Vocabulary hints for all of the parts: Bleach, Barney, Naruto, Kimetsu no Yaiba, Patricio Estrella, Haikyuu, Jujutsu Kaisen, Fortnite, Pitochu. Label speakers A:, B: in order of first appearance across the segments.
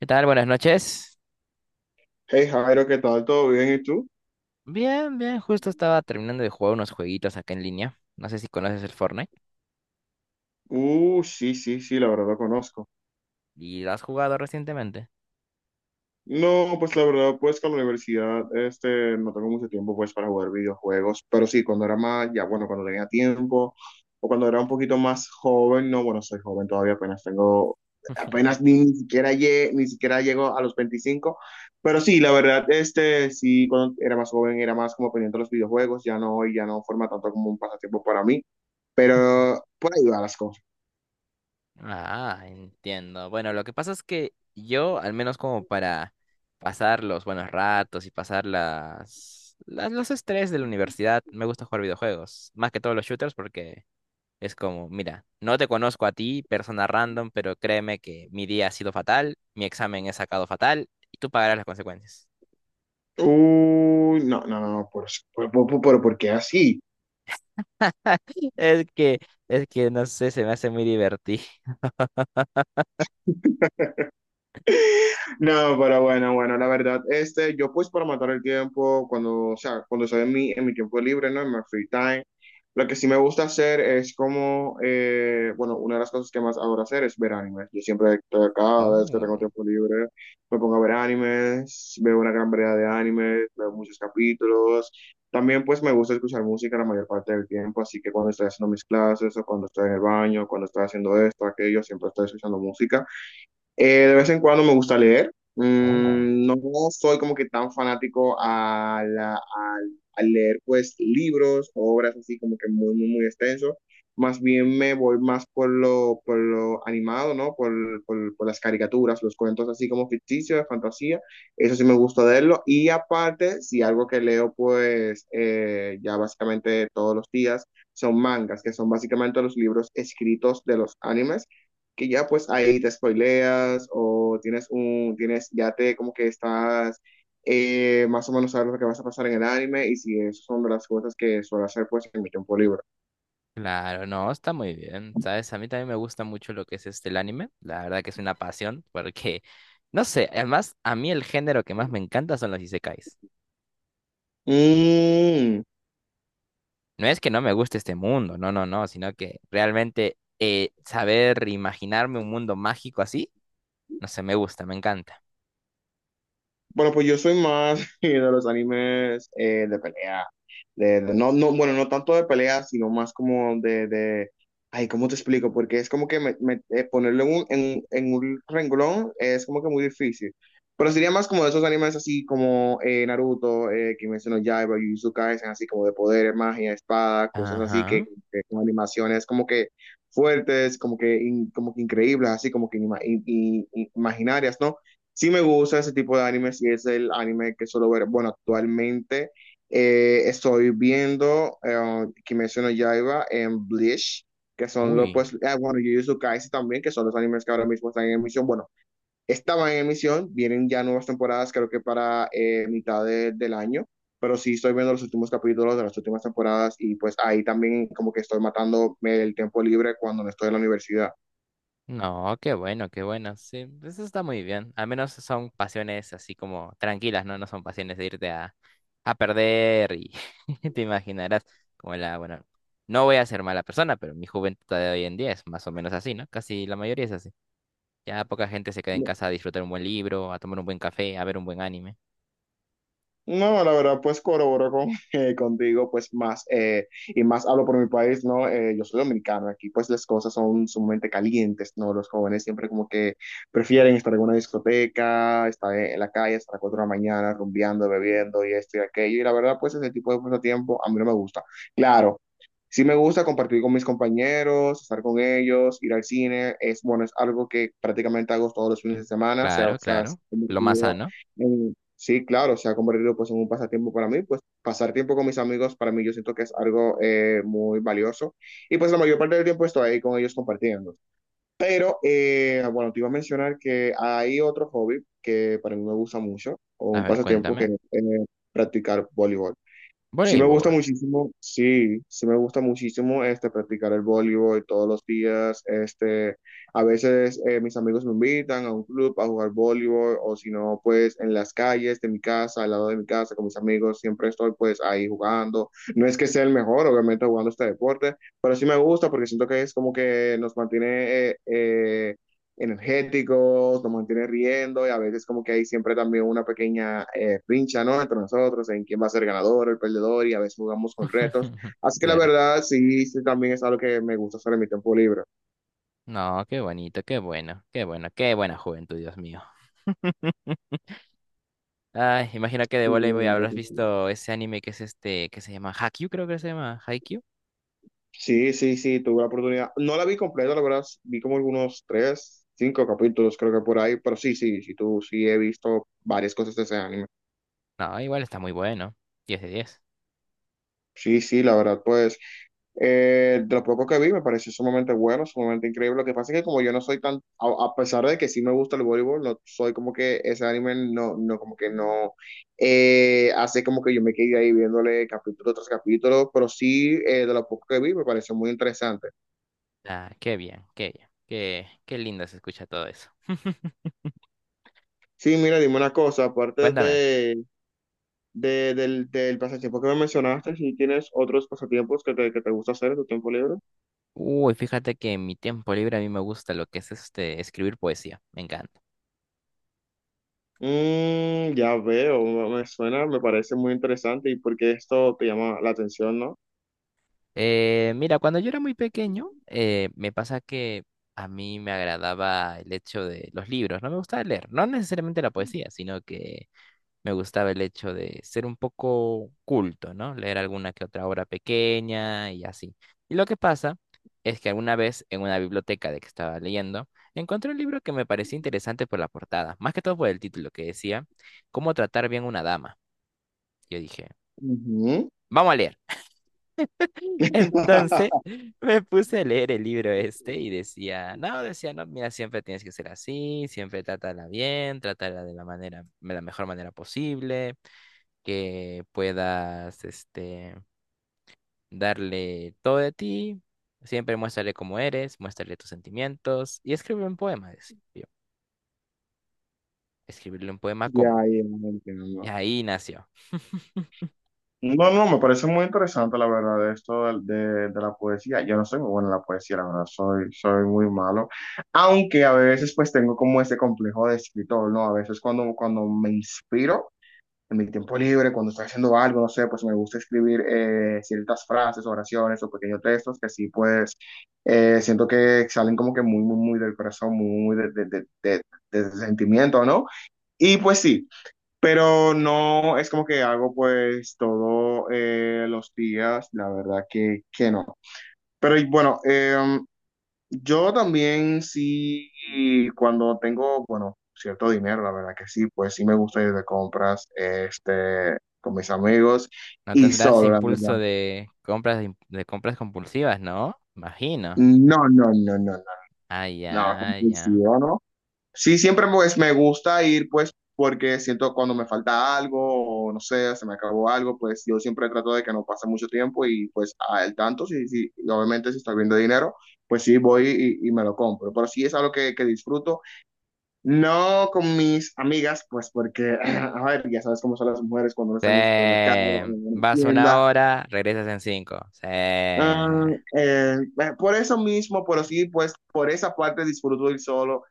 A: ¿Qué tal? Buenas noches.
B: Hey Jairo, ¿qué tal? ¿Todo bien? ¿Y tú?
A: Bien, bien, justo estaba terminando de jugar unos jueguitos acá en línea. No sé si conoces el Fortnite.
B: Sí, sí, sí, la verdad lo conozco.
A: ¿Y lo has jugado recientemente?
B: No, pues la verdad, pues con la universidad, no tengo mucho tiempo pues para jugar videojuegos, pero sí, cuando era más, ya bueno, cuando tenía tiempo, o cuando era un poquito más joven, no, bueno, soy joven todavía, apenas tengo, apenas ni siquiera ni siquiera llego a los 25. Pero sí, la verdad, sí, cuando era más joven era más como pendiente de los videojuegos, ya no, ya no forma tanto como un pasatiempo para mí, pero por ahí van las cosas.
A: Ah, entiendo. Bueno, lo que pasa es que yo, al menos como para pasar los buenos ratos y pasar los estrés de la universidad, me gusta jugar videojuegos. Más que todos los shooters porque es como, mira, no te conozco a ti, persona random, pero créeme que mi día ha sido fatal, mi examen he sacado fatal y tú pagarás las consecuencias.
B: Uy, no, no, no, ¿por qué así?
A: Es que, es que no sé, se me hace muy divertido.
B: No, pero bueno, bueno, la verdad, yo pues para matar el tiempo, cuando, o sea, cuando estoy en mi tiempo libre, ¿no? En mi free time, lo que sí me gusta hacer es como, bueno, una de las cosas que más adoro hacer es ver animes. Yo siempre, cada vez que tengo
A: Uh,
B: tiempo libre, me pongo a ver animes, veo una gran variedad de animes, veo muchos capítulos. También pues me gusta escuchar música la mayor parte del tiempo, así que cuando estoy haciendo mis clases o cuando estoy en el baño, cuando estoy haciendo esto, aquello, siempre estoy escuchando música. De vez en cuando me gusta leer.
A: oh,
B: No soy como que tan fanático al leer pues libros, obras así como que muy, muy, muy extenso. Más bien me voy más por lo animado, ¿no? Por, por las caricaturas, los cuentos así como ficticios, de fantasía. Eso sí me gusta leerlo. Y aparte, si algo que leo pues ya básicamente todos los días son mangas, que son básicamente los libros escritos de los animes que ya pues ahí te spoileas o tienes un, tienes, ya te como que estás más o menos sabes lo que vas a pasar en el anime y si esas son de las cosas que suelo hacer pues en mi tiempo libre.
A: claro, no, está muy bien, ¿sabes? A mí también me gusta mucho lo que es este el anime, la verdad que es una pasión, porque, no sé, además, a mí el género que más me encanta son los isekais.
B: Mm.
A: No es que no me guste este mundo, no, no, no, sino que realmente saber imaginarme un mundo mágico así, no sé, me gusta, me encanta.
B: Bueno, pues yo soy más de los animes de pelea. No, no, bueno, no tanto de pelea, sino más como de... Ay, ¿cómo te explico? Porque es como que ponerlo en un, en un renglón es como que muy difícil. Pero sería más como de esos animes así como Naruto, Kimetsu no Yaiba, Jujutsu Kaisen, así como de poderes, magia, espada, cosas así que,
A: Ajá,
B: que con animaciones como que fuertes, como que, como que increíbles, así como que imaginarias, ¿no? Sí me gusta ese tipo de anime, sí es el anime que suelo ver. Bueno, actualmente estoy viendo Kimetsu no Yaiba en Bleach, que son los,
A: uy.
B: pues, bueno, Jujutsu Kaisen también, que son los animes que ahora mismo están en emisión. Bueno, estaban en emisión, vienen ya nuevas temporadas, creo que para mitad del año, pero sí estoy viendo los últimos capítulos de las últimas temporadas y pues ahí también como que estoy matando el tiempo libre cuando no estoy en la universidad.
A: No, qué bueno, qué bueno. Sí, eso está muy bien. Al menos son pasiones así como tranquilas, ¿no? No son pasiones de irte a perder y te imaginarás como la, bueno, no voy a ser mala persona, pero mi juventud de hoy en día es más o menos así, ¿no? Casi la mayoría es así. Ya poca gente se queda en casa a disfrutar un buen libro, a tomar un buen café, a ver un buen anime.
B: No, la verdad, pues corroboro con, contigo, pues más, y más hablo por mi país, ¿no? Yo soy dominicano, aquí pues las cosas son sumamente calientes, ¿no? Los jóvenes siempre como que prefieren estar en una discoteca, estar en la calle hasta las 4 de la mañana, rumbeando, bebiendo y esto y aquello, y la verdad, pues ese tipo de pasatiempo a mí no me gusta. Claro. Sí me gusta compartir con mis compañeros, estar con ellos, ir al cine. Es bueno, es algo que prácticamente hago todos los fines de semana.
A: Claro,
B: Se
A: claro.
B: ha
A: Lo más
B: convertido
A: sano.
B: en, sí, claro, se ha convertido pues en un pasatiempo para mí, pues pasar tiempo con mis amigos para mí yo siento que es algo muy valioso y pues la mayor parte del tiempo estoy ahí con ellos compartiendo. Pero bueno, te iba a mencionar que hay otro hobby que para mí me gusta mucho o
A: A
B: un
A: ver,
B: pasatiempo que
A: cuéntame.
B: es practicar voleibol. Sí me gusta
A: Voleibol.
B: muchísimo, sí, sí me gusta muchísimo practicar el voleibol todos los días, a veces mis amigos me invitan a un club a jugar voleibol o si no pues en las calles de mi casa, al lado de mi casa con mis amigos, siempre estoy pues ahí jugando. No es que sea el mejor, obviamente jugando este deporte, pero sí me gusta porque siento que es como que nos mantiene energéticos, nos mantiene riendo y a veces como que hay siempre también una pequeña rincha, ¿no? Entre nosotros, en quién va a ser ganador, el perdedor y a veces jugamos con retos. Así que la
A: Claro.
B: verdad, sí, sí también es algo que me gusta hacer en mi tiempo libre.
A: No, qué bonito, qué bueno, qué bueno, qué buena juventud, Dios mío. Ay, imagino que de
B: Sí, la
A: voleibol
B: verdad
A: habrás
B: que sí.
A: visto ese anime que es este, que se llama Haikyuu, creo que se llama Haikyuu.
B: Sí, sí, sí, tuve la oportunidad. No la vi completa, la verdad, vi como algunos tres, cinco capítulos creo que por ahí, pero sí, sí, sí, tú, sí he visto varias cosas de ese anime.
A: No, igual está muy bueno. Diez de 10.
B: Sí, sí, la verdad, pues de lo poco que vi me pareció sumamente bueno, sumamente increíble. Lo que pasa es que como yo no soy tan, a pesar de que sí me gusta el voleibol, no soy como que ese anime no, no como que no hace como que yo me quedé ahí viéndole capítulo tras capítulo, pero sí de lo poco que vi me pareció muy interesante.
A: Ah, qué bien, qué bien. Qué, qué lindo se escucha todo eso.
B: Sí, mira, dime una cosa, aparte
A: Cuéntame.
B: del pasatiempo que me mencionaste, si tienes otros pasatiempos que te gusta hacer en tu tiempo libre.
A: Uy, fíjate que en mi tiempo libre a mí me gusta lo que es este escribir poesía. Me encanta.
B: Ya veo, me suena, me parece muy interesante y porque esto te llama la atención, ¿no?
A: Mira, cuando yo era muy pequeño, me pasa que a mí me agradaba el hecho de los libros. No me gustaba leer, no necesariamente la poesía, sino que me gustaba el hecho de ser un poco culto, ¿no? Leer alguna que otra obra pequeña y así. Y lo que pasa es que alguna vez en una biblioteca de que estaba leyendo, encontré un libro que me parecía interesante por la portada, más que todo por el título que decía, ¿Cómo tratar bien una dama? Yo dije,
B: Ujú.
A: vamos a leer. Entonces me puse a leer el libro este y decía, no, mira, siempre tienes que ser así, siempre trátala bien, trátala de la manera, de la mejor manera posible. Que puedas este, darle todo de ti. Siempre muéstrale cómo eres, muéstrale tus sentimientos y escribirle un poema, decía yo. Escribirle un poema
B: Ya,
A: cómo.
B: ya,
A: Y
B: entiendo.
A: ahí nació.
B: No, no, me parece muy interesante la verdad esto de la poesía. Yo no soy muy bueno en la poesía, la verdad, soy, soy muy malo. Aunque a veces pues tengo como ese complejo de escritor, ¿no? A veces cuando me inspiro. En mi tiempo libre, cuando estoy haciendo algo, no sé, pues me gusta escribir ciertas frases, oraciones o pequeños textos que sí, pues siento que salen como que muy, muy, muy del corazón, muy, muy de, de, de sentimiento, ¿no? Y pues sí, pero no es como que hago pues todos los días, la verdad que no. Pero y bueno, yo también sí, cuando tengo, bueno, cierto dinero, la verdad que sí, pues sí me gusta ir de compras, con mis amigos
A: No
B: y
A: tendrás
B: solo, la
A: impulso
B: verdad.
A: de compras, im- de compras compulsivas, ¿no? Imagino.
B: No, no, no, no, no,
A: Ah,
B: no,
A: ya, ya.
B: compulsivo, no. Sí, siempre pues me gusta ir, pues, porque siento cuando me falta algo, o no sé, se me acabó algo, pues yo siempre trato de que no pase mucho tiempo y pues al tanto, sí, sí, y obviamente si estoy viendo dinero, pues sí voy y me lo compro. Pero sí es algo que disfruto. No con mis amigas, pues porque, a ver, ya sabes cómo son las mujeres cuando no
A: Sí.
B: están en un supermercado o en una
A: Vas una
B: tienda.
A: hora, regresas en cinco. Sí.
B: Ah, por eso mismo, pero sí, pues por esa parte disfruto ir solo.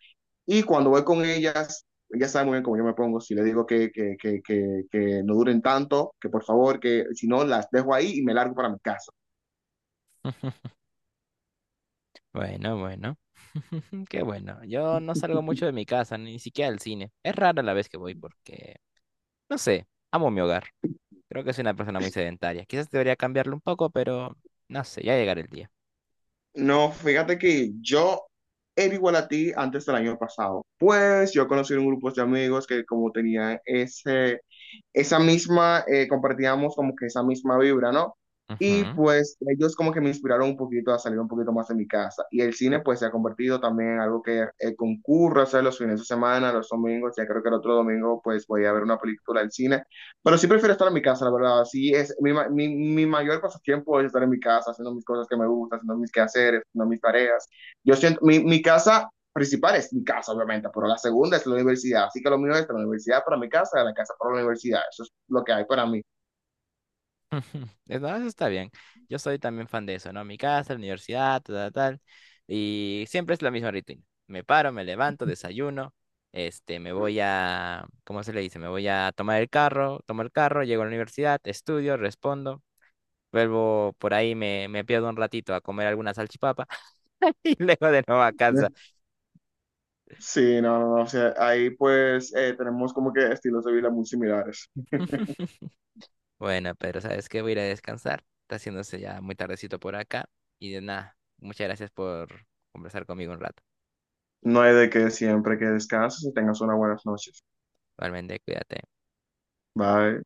B: Y cuando voy con ellas, ya saben muy bien cómo yo me pongo. Si les digo que no duren tanto, que por favor, que si no, las dejo ahí y me largo para mi casa.
A: Bueno, bueno. Qué bueno. Yo no salgo mucho de mi casa, ni siquiera al cine. Es rara la vez que voy porque no sé, amo mi hogar. Creo que soy una persona muy sedentaria. Quizás debería cambiarlo un poco, pero no sé, ya llegará el día.
B: No, fíjate que yo era igual a ti antes del año pasado. Pues yo conocí un grupo de amigos que como tenían ese, esa misma, compartíamos como que esa misma vibra, ¿no? Y
A: Ujú.
B: pues ellos como que me inspiraron un poquito a salir un poquito más de mi casa. Y el cine pues se ha convertido también en algo que concurre, o sea, los fines de semana, los domingos, ya creo que el otro domingo pues voy a ver una película al cine. Pero sí prefiero estar en mi casa, la verdad. Sí, es mi mayor pasatiempo es estar en mi casa, haciendo mis cosas que me gustan, haciendo mis quehaceres, haciendo mis tareas. Yo siento, mi casa principal es mi casa, obviamente, pero la segunda es la universidad. Así que lo mío es la universidad para mi casa, de la casa para la universidad. Eso es lo que hay para mí.
A: Es- no, eso está bien. Yo soy también fan de eso, ¿no? Mi casa, la universidad, tal, tal, tal. Y siempre es la misma rutina. Me paro, me levanto, desayuno, este, me voy a, ¿cómo se le dice? Me voy a tomar el carro, tomo el carro, llego a la universidad, estudio, respondo, vuelvo por ahí, me pierdo un ratito a comer alguna salchipapa y luego de nuevo a casa.
B: Sí, no, no, no. O sea, ahí pues tenemos como que estilos de vida muy similares.
A: Bueno, pero sabes que voy a ir a descansar. Está haciéndose ya muy tardecito por acá. Y de nada, muchas gracias por conversar conmigo un rato.
B: No hay de que siempre que descanses y tengas unas buenas noches.
A: Igualmente, cuídate.
B: Bye.